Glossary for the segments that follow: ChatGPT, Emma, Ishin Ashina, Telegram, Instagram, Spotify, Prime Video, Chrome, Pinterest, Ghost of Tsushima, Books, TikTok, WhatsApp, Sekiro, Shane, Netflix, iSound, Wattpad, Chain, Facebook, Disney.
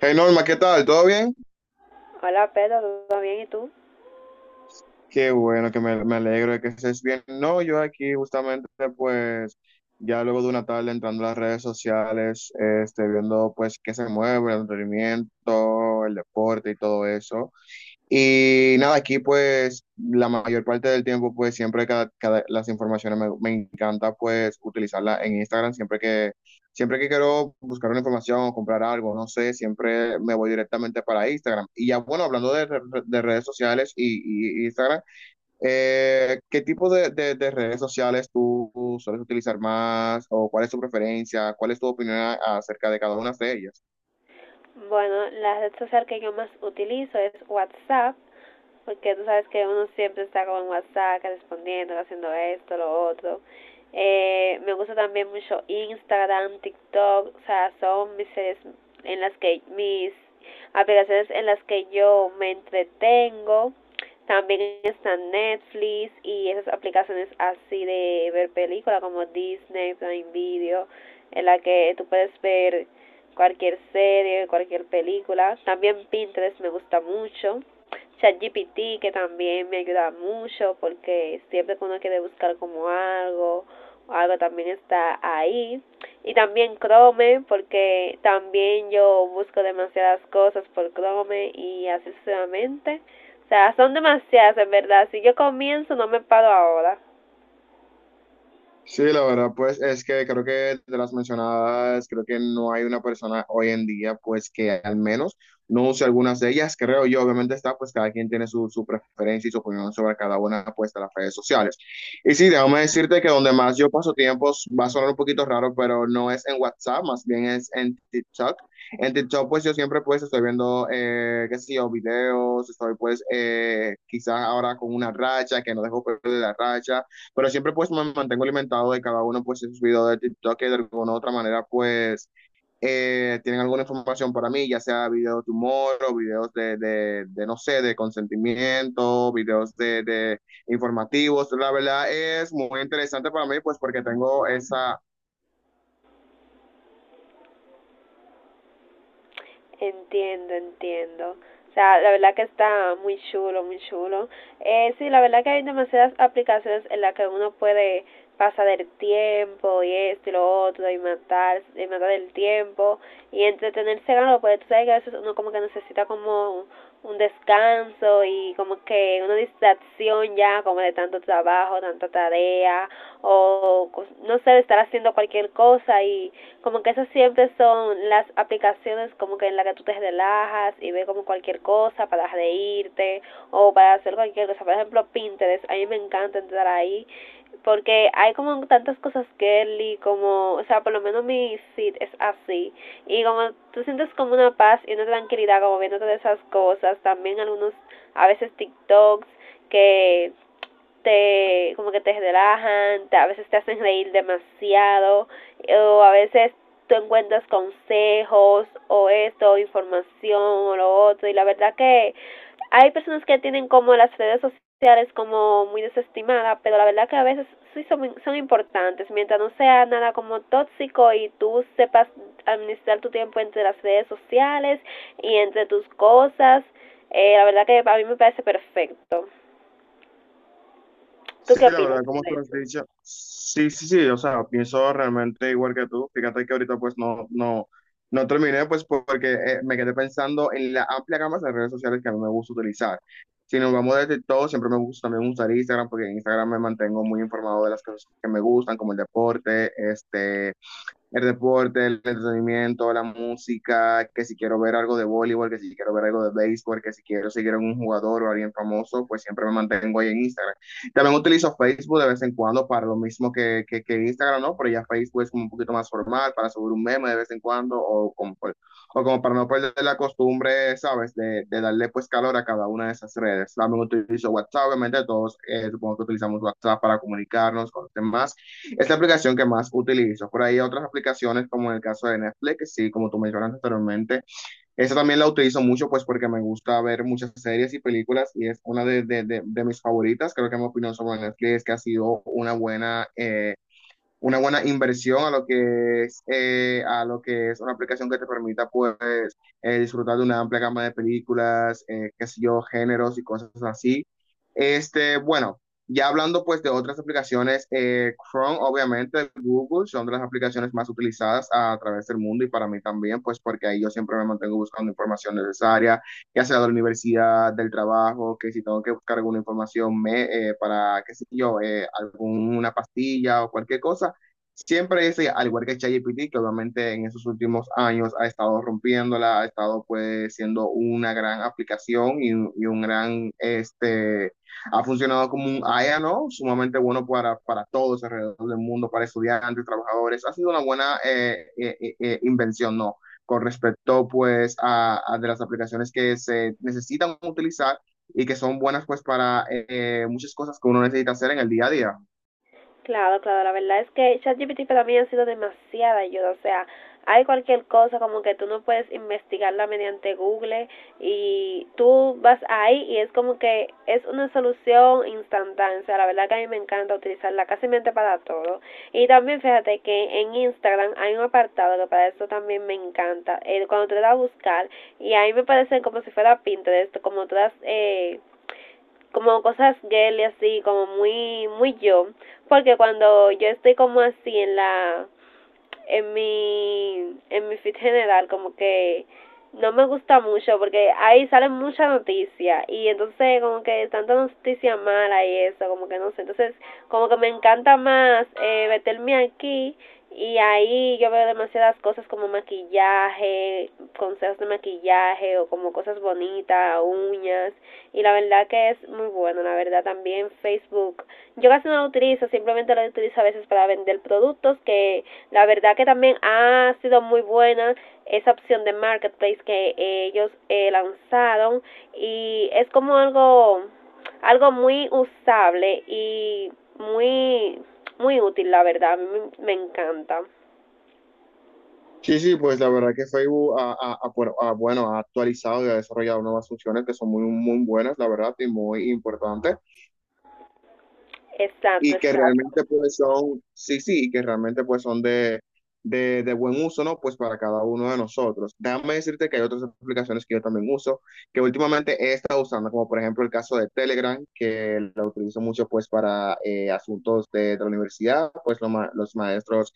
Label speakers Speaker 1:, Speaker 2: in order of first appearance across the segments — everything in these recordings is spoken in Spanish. Speaker 1: Hey Norma, ¿qué tal? ¿Todo bien?
Speaker 2: Hola Pedro, ¿todo bien? ¿Y tú?
Speaker 1: Qué bueno, que me alegro de que estés bien. No, yo aquí justamente pues ya luego de una tarde entrando a las redes sociales, este, viendo pues qué se mueve, el entretenimiento, el deporte y todo eso. Y nada, aquí pues la mayor parte del tiempo pues siempre las informaciones me encanta pues utilizarla en Instagram siempre que quiero buscar una información o comprar algo, no sé, siempre me voy directamente para Instagram. Y ya bueno, de redes sociales y Instagram, ¿qué tipo de redes sociales tú sueles utilizar más o cuál es tu preferencia? ¿Cuál es tu opinión acerca de cada una de ellas?
Speaker 2: Bueno, la red social que yo más utilizo es WhatsApp porque tú sabes que uno siempre está con WhatsApp respondiendo, haciendo esto, lo otro. Me gusta también mucho Instagram, TikTok, o sea, son mis series en las que mis aplicaciones en las que yo me entretengo. También están Netflix y esas aplicaciones así de ver películas como Disney, Prime Video, en la que tú puedes ver cualquier serie, cualquier película. También Pinterest me gusta mucho. ChatGPT que también me ayuda mucho porque siempre que uno quiere buscar como algo, algo también está ahí. Y también Chrome porque también yo busco demasiadas cosas por Chrome y así sucesivamente. O sea, son demasiadas en verdad. Si yo comienzo no me paro ahora.
Speaker 1: Sí, la verdad, pues es que creo que de las mencionadas, creo que no hay una persona hoy en día, pues que al menos no use algunas de ellas, creo yo. Obviamente está, pues cada quien tiene su, su preferencia y su opinión sobre cada una, pues de las redes sociales. Y sí, déjame decirte que donde más yo paso tiempos, va a sonar un poquito raro, pero no es en WhatsApp, más bien es en TikTok. En TikTok, pues yo siempre, pues estoy viendo, qué sé yo, videos, estoy pues quizás ahora con una racha, que no dejo perder la racha pero siempre pues me mantengo alimentado de cada uno, pues en sus videos de TikTok que de alguna u otra manera pues tienen alguna información para mí, ya sea videos de humor o videos de no sé, de consentimiento, videos de informativos. La verdad es muy interesante para mí pues porque tengo esa.
Speaker 2: Entiendo, entiendo. O sea, la verdad que está muy chulo, muy chulo. Sí, la verdad que hay demasiadas aplicaciones en las que uno puede pasar el tiempo y esto y lo otro y matar el tiempo y entretenerse con lo, pues tú sabes que a veces uno como que necesita como un descanso y como que una distracción ya como de tanto trabajo, tanta tarea o no sé, de estar haciendo cualquier cosa, y como que esas siempre son las aplicaciones como que en las que tú te relajas y ves como cualquier cosa para reírte o para hacer cualquier cosa. Por ejemplo Pinterest, a mí me encanta entrar ahí porque hay como tantas cosas girly, como, o sea, por lo menos mi sit es así, y como tú sientes como una paz y una tranquilidad como viendo todas esas cosas, también algunos, a veces TikToks que te como que te relajan, a veces te hacen reír demasiado o a veces tú encuentras consejos o esto, información o lo otro. Y la verdad que hay personas que tienen como las redes sociales como muy desestimadas, pero la verdad que a veces sí son, son importantes, mientras no sea nada como tóxico y tú sepas administrar tu tiempo entre las redes sociales y entre tus cosas, la verdad que a mí me parece perfecto. ¿Tú
Speaker 1: Sí,
Speaker 2: qué
Speaker 1: la
Speaker 2: opinas
Speaker 1: verdad, como
Speaker 2: sobre
Speaker 1: tú has
Speaker 2: eso?
Speaker 1: dicho, sí, sí, sí, o sea, pienso realmente igual que tú. Fíjate que ahorita pues no, no, no terminé pues porque me quedé pensando en la amplia gama de redes sociales que a mí me gusta utilizar. Si nos vamos desde todo, siempre me gusta también usar Instagram porque en Instagram me mantengo muy informado de las cosas que me gustan, como el deporte, este, el deporte, el entretenimiento, la música, que si quiero ver algo de voleibol, que si quiero ver algo de béisbol, que si quiero seguir a un jugador o a alguien famoso, pues siempre me mantengo ahí en Instagram. También utilizo Facebook de vez en cuando para lo mismo que Instagram, ¿no? Pero ya Facebook es como un poquito más formal para subir un meme de vez en cuando o como para no perder la costumbre, ¿sabes? Darle pues calor a cada una de esas redes. También utilizo WhatsApp, obviamente todos, supongo que utilizamos WhatsApp para comunicarnos con los demás. Es la aplicación que más utilizo. Por ahí hay otras aplicaciones, como en el caso de Netflix, que sí, como tú mencionaste anteriormente. Esa también la utilizo mucho, pues porque me gusta ver muchas series y películas y es una de mis favoritas. Creo que mi opinión sobre Netflix es que ha sido una buena inversión a lo que es, a lo que es una aplicación que te permita pues disfrutar de una amplia gama de películas, qué sé yo, géneros y cosas así. Este, bueno, ya hablando pues de otras aplicaciones, Chrome obviamente, Google son de las aplicaciones más utilizadas a través del mundo y para mí también, pues porque ahí yo siempre me mantengo buscando información necesaria, ya sea de la universidad, del trabajo, que si tengo que buscar alguna información me, para, qué sé yo, alguna pastilla o cualquier cosa, siempre ese, al igual que ChatGPT, que obviamente en esos últimos años ha estado rompiéndola, ha estado pues siendo una gran aplicación y, y un gran, este, ha funcionado como un AIA, ¿no? Sumamente bueno para todos alrededor del mundo, para estudiantes, trabajadores. Ha sido una buena invención, ¿no? Con respecto pues a de las aplicaciones que se necesitan utilizar y que son buenas pues para muchas cosas que uno necesita hacer en el día a día.
Speaker 2: Claro, claro, la verdad es que ChatGPT para mí ha sido demasiada ayuda, o sea, hay cualquier cosa como que tú no puedes investigarla mediante Google, y tú vas ahí y es como que es una solución instantánea, o sea, la verdad que a mí me encanta utilizarla casi mente para todo. Y también fíjate que en Instagram hay un apartado que para eso también me encanta, cuando te das a buscar y ahí me parece como si fuera Pinterest, como todas... Como cosas girly así, como muy muy yo, porque cuando yo estoy como así en la en mi feed general, como que no me gusta mucho porque ahí salen muchas noticias y entonces como que tanta noticia mala y eso, como que no sé, entonces como que me encanta más, meterme aquí, y ahí yo veo demasiadas cosas como maquillaje, consejos de maquillaje o como cosas bonitas, uñas, y la verdad que es muy bueno, la verdad también Facebook. Yo casi no lo utilizo, simplemente lo utilizo a veces para vender productos, que la verdad que también ha sido muy buena esa opción de marketplace que ellos lanzaron, y es como algo, algo muy usable y muy muy útil, la verdad, a mí me encanta.
Speaker 1: Sí, sí, pues la verdad que Facebook ha actualizado y ha desarrollado nuevas funciones que son muy, muy buenas, la verdad, y muy importantes
Speaker 2: Exacto,
Speaker 1: y que
Speaker 2: exacto.
Speaker 1: realmente pues son, sí, sí, y que realmente pues son de buen uso, ¿no? Pues para cada uno de nosotros. Déjame decirte que hay otras aplicaciones que yo también uso, que últimamente he estado usando, como por ejemplo el caso de Telegram, que lo utilizo mucho pues para asuntos de la universidad, pues los maestros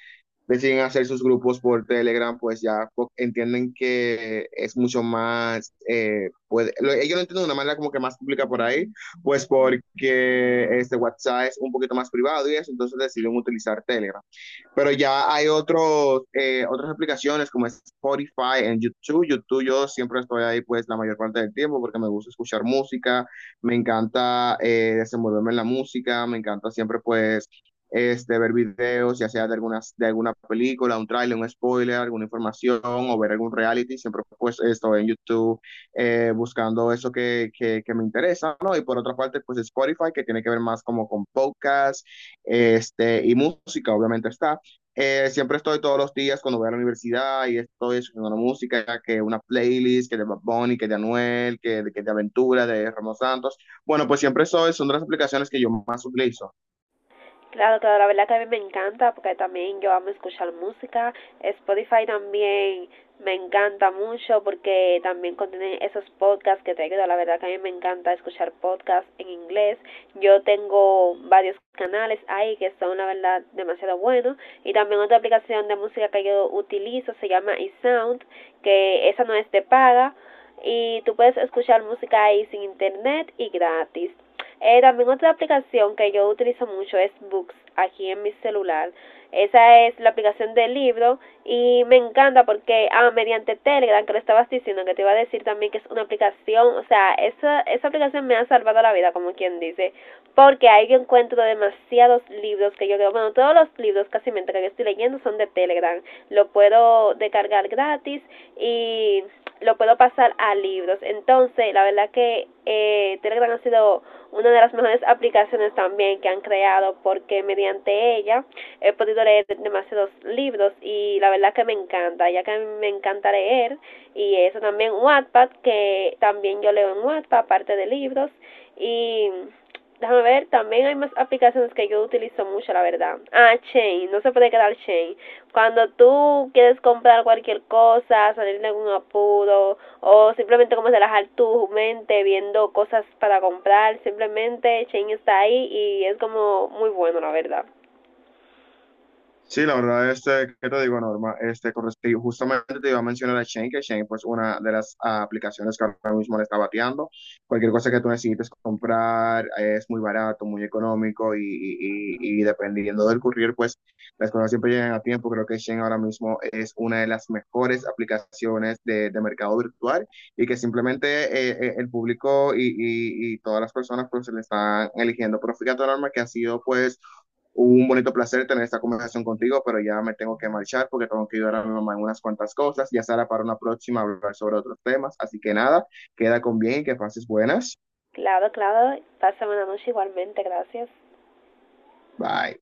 Speaker 1: deciden hacer sus grupos por Telegram, pues ya entienden que es mucho más, pues ellos lo entienden de una manera como que más pública por ahí pues porque este WhatsApp es un poquito más privado y eso, entonces decidieron utilizar Telegram. Pero ya hay otros, otras aplicaciones como Spotify en YouTube. YouTube yo siempre estoy ahí pues la mayor parte del tiempo porque me gusta escuchar música, me encanta desenvolverme en la música, me encanta siempre pues este, ver videos, ya sea de, algunas, de alguna película, un tráiler, un spoiler, alguna información o ver algún reality, siempre pues estoy en YouTube buscando eso me interesa, ¿no? Y por otra parte, pues Spotify, que tiene que ver más como con podcast, este, y música, obviamente está. Siempre estoy todos los días cuando voy a la universidad y estoy escuchando una música, que una playlist, que de Bad Bunny, que de Anuel, que de Aventura, de Ramos Santos. Bueno, pues siempre soy, son de las aplicaciones que yo más utilizo.
Speaker 2: Claro, claro, la verdad que a mí me encanta porque también yo amo escuchar música. Spotify también me encanta mucho porque también contiene esos podcasts que te ayudan. La verdad que a mí me encanta escuchar podcasts en inglés. Yo tengo varios canales ahí que son la verdad demasiado buenos, y también otra aplicación de música que yo utilizo se llama iSound, que esa no es de paga y tú puedes escuchar música ahí sin internet y gratis. También otra aplicación que yo utilizo mucho es Books aquí en mi celular. Esa es la aplicación del libro y me encanta porque, ah, mediante Telegram, que lo estabas diciendo, que te iba a decir también que es una aplicación, o sea, esa aplicación me ha salvado la vida, como quien dice, porque ahí yo encuentro demasiados libros que yo creo, bueno, todos los libros casi mientras que yo estoy leyendo son de Telegram, lo puedo descargar gratis gratis, y lo puedo pasar a libros. Entonces, la verdad que Telegram ha sido una de las mejores aplicaciones también que han creado, porque mediante ella he podido leer demasiados libros y la verdad que me encanta, ya que a mí me encanta leer. Y eso también Wattpad, que también yo leo en Wattpad aparte de libros, y déjame ver, también hay más aplicaciones que yo utilizo mucho, la verdad. Ah, Chain, no se puede quedar Chain. Cuando tú quieres comprar cualquier cosa, salir de algún apuro o simplemente como relajar tu mente viendo cosas para comprar, simplemente Chain está ahí y es como muy bueno, la verdad.
Speaker 1: Sí, la verdad, este, ¿qué te digo, Norma? Este, con justamente te iba a mencionar a Shane, que Shane pues una de las ah, aplicaciones que ahora mismo le está bateando. Cualquier cosa que tú necesites comprar es muy barato, muy económico y, y dependiendo del courier, pues las cosas siempre llegan a tiempo. Creo que Shane ahora mismo es una de las mejores aplicaciones de mercado virtual y que simplemente el público y, y todas las personas pues se le están eligiendo. Pero fíjate, Norma, que ha sido pues un bonito placer tener esta conversación contigo, pero ya me tengo que marchar porque tengo que ayudar a mi mamá en unas cuantas cosas. Ya será para una próxima hablar sobre otros temas. Así que nada, queda con bien y que pases buenas.
Speaker 2: Claro, claro. Pásame una noche igualmente, gracias.
Speaker 1: Bye.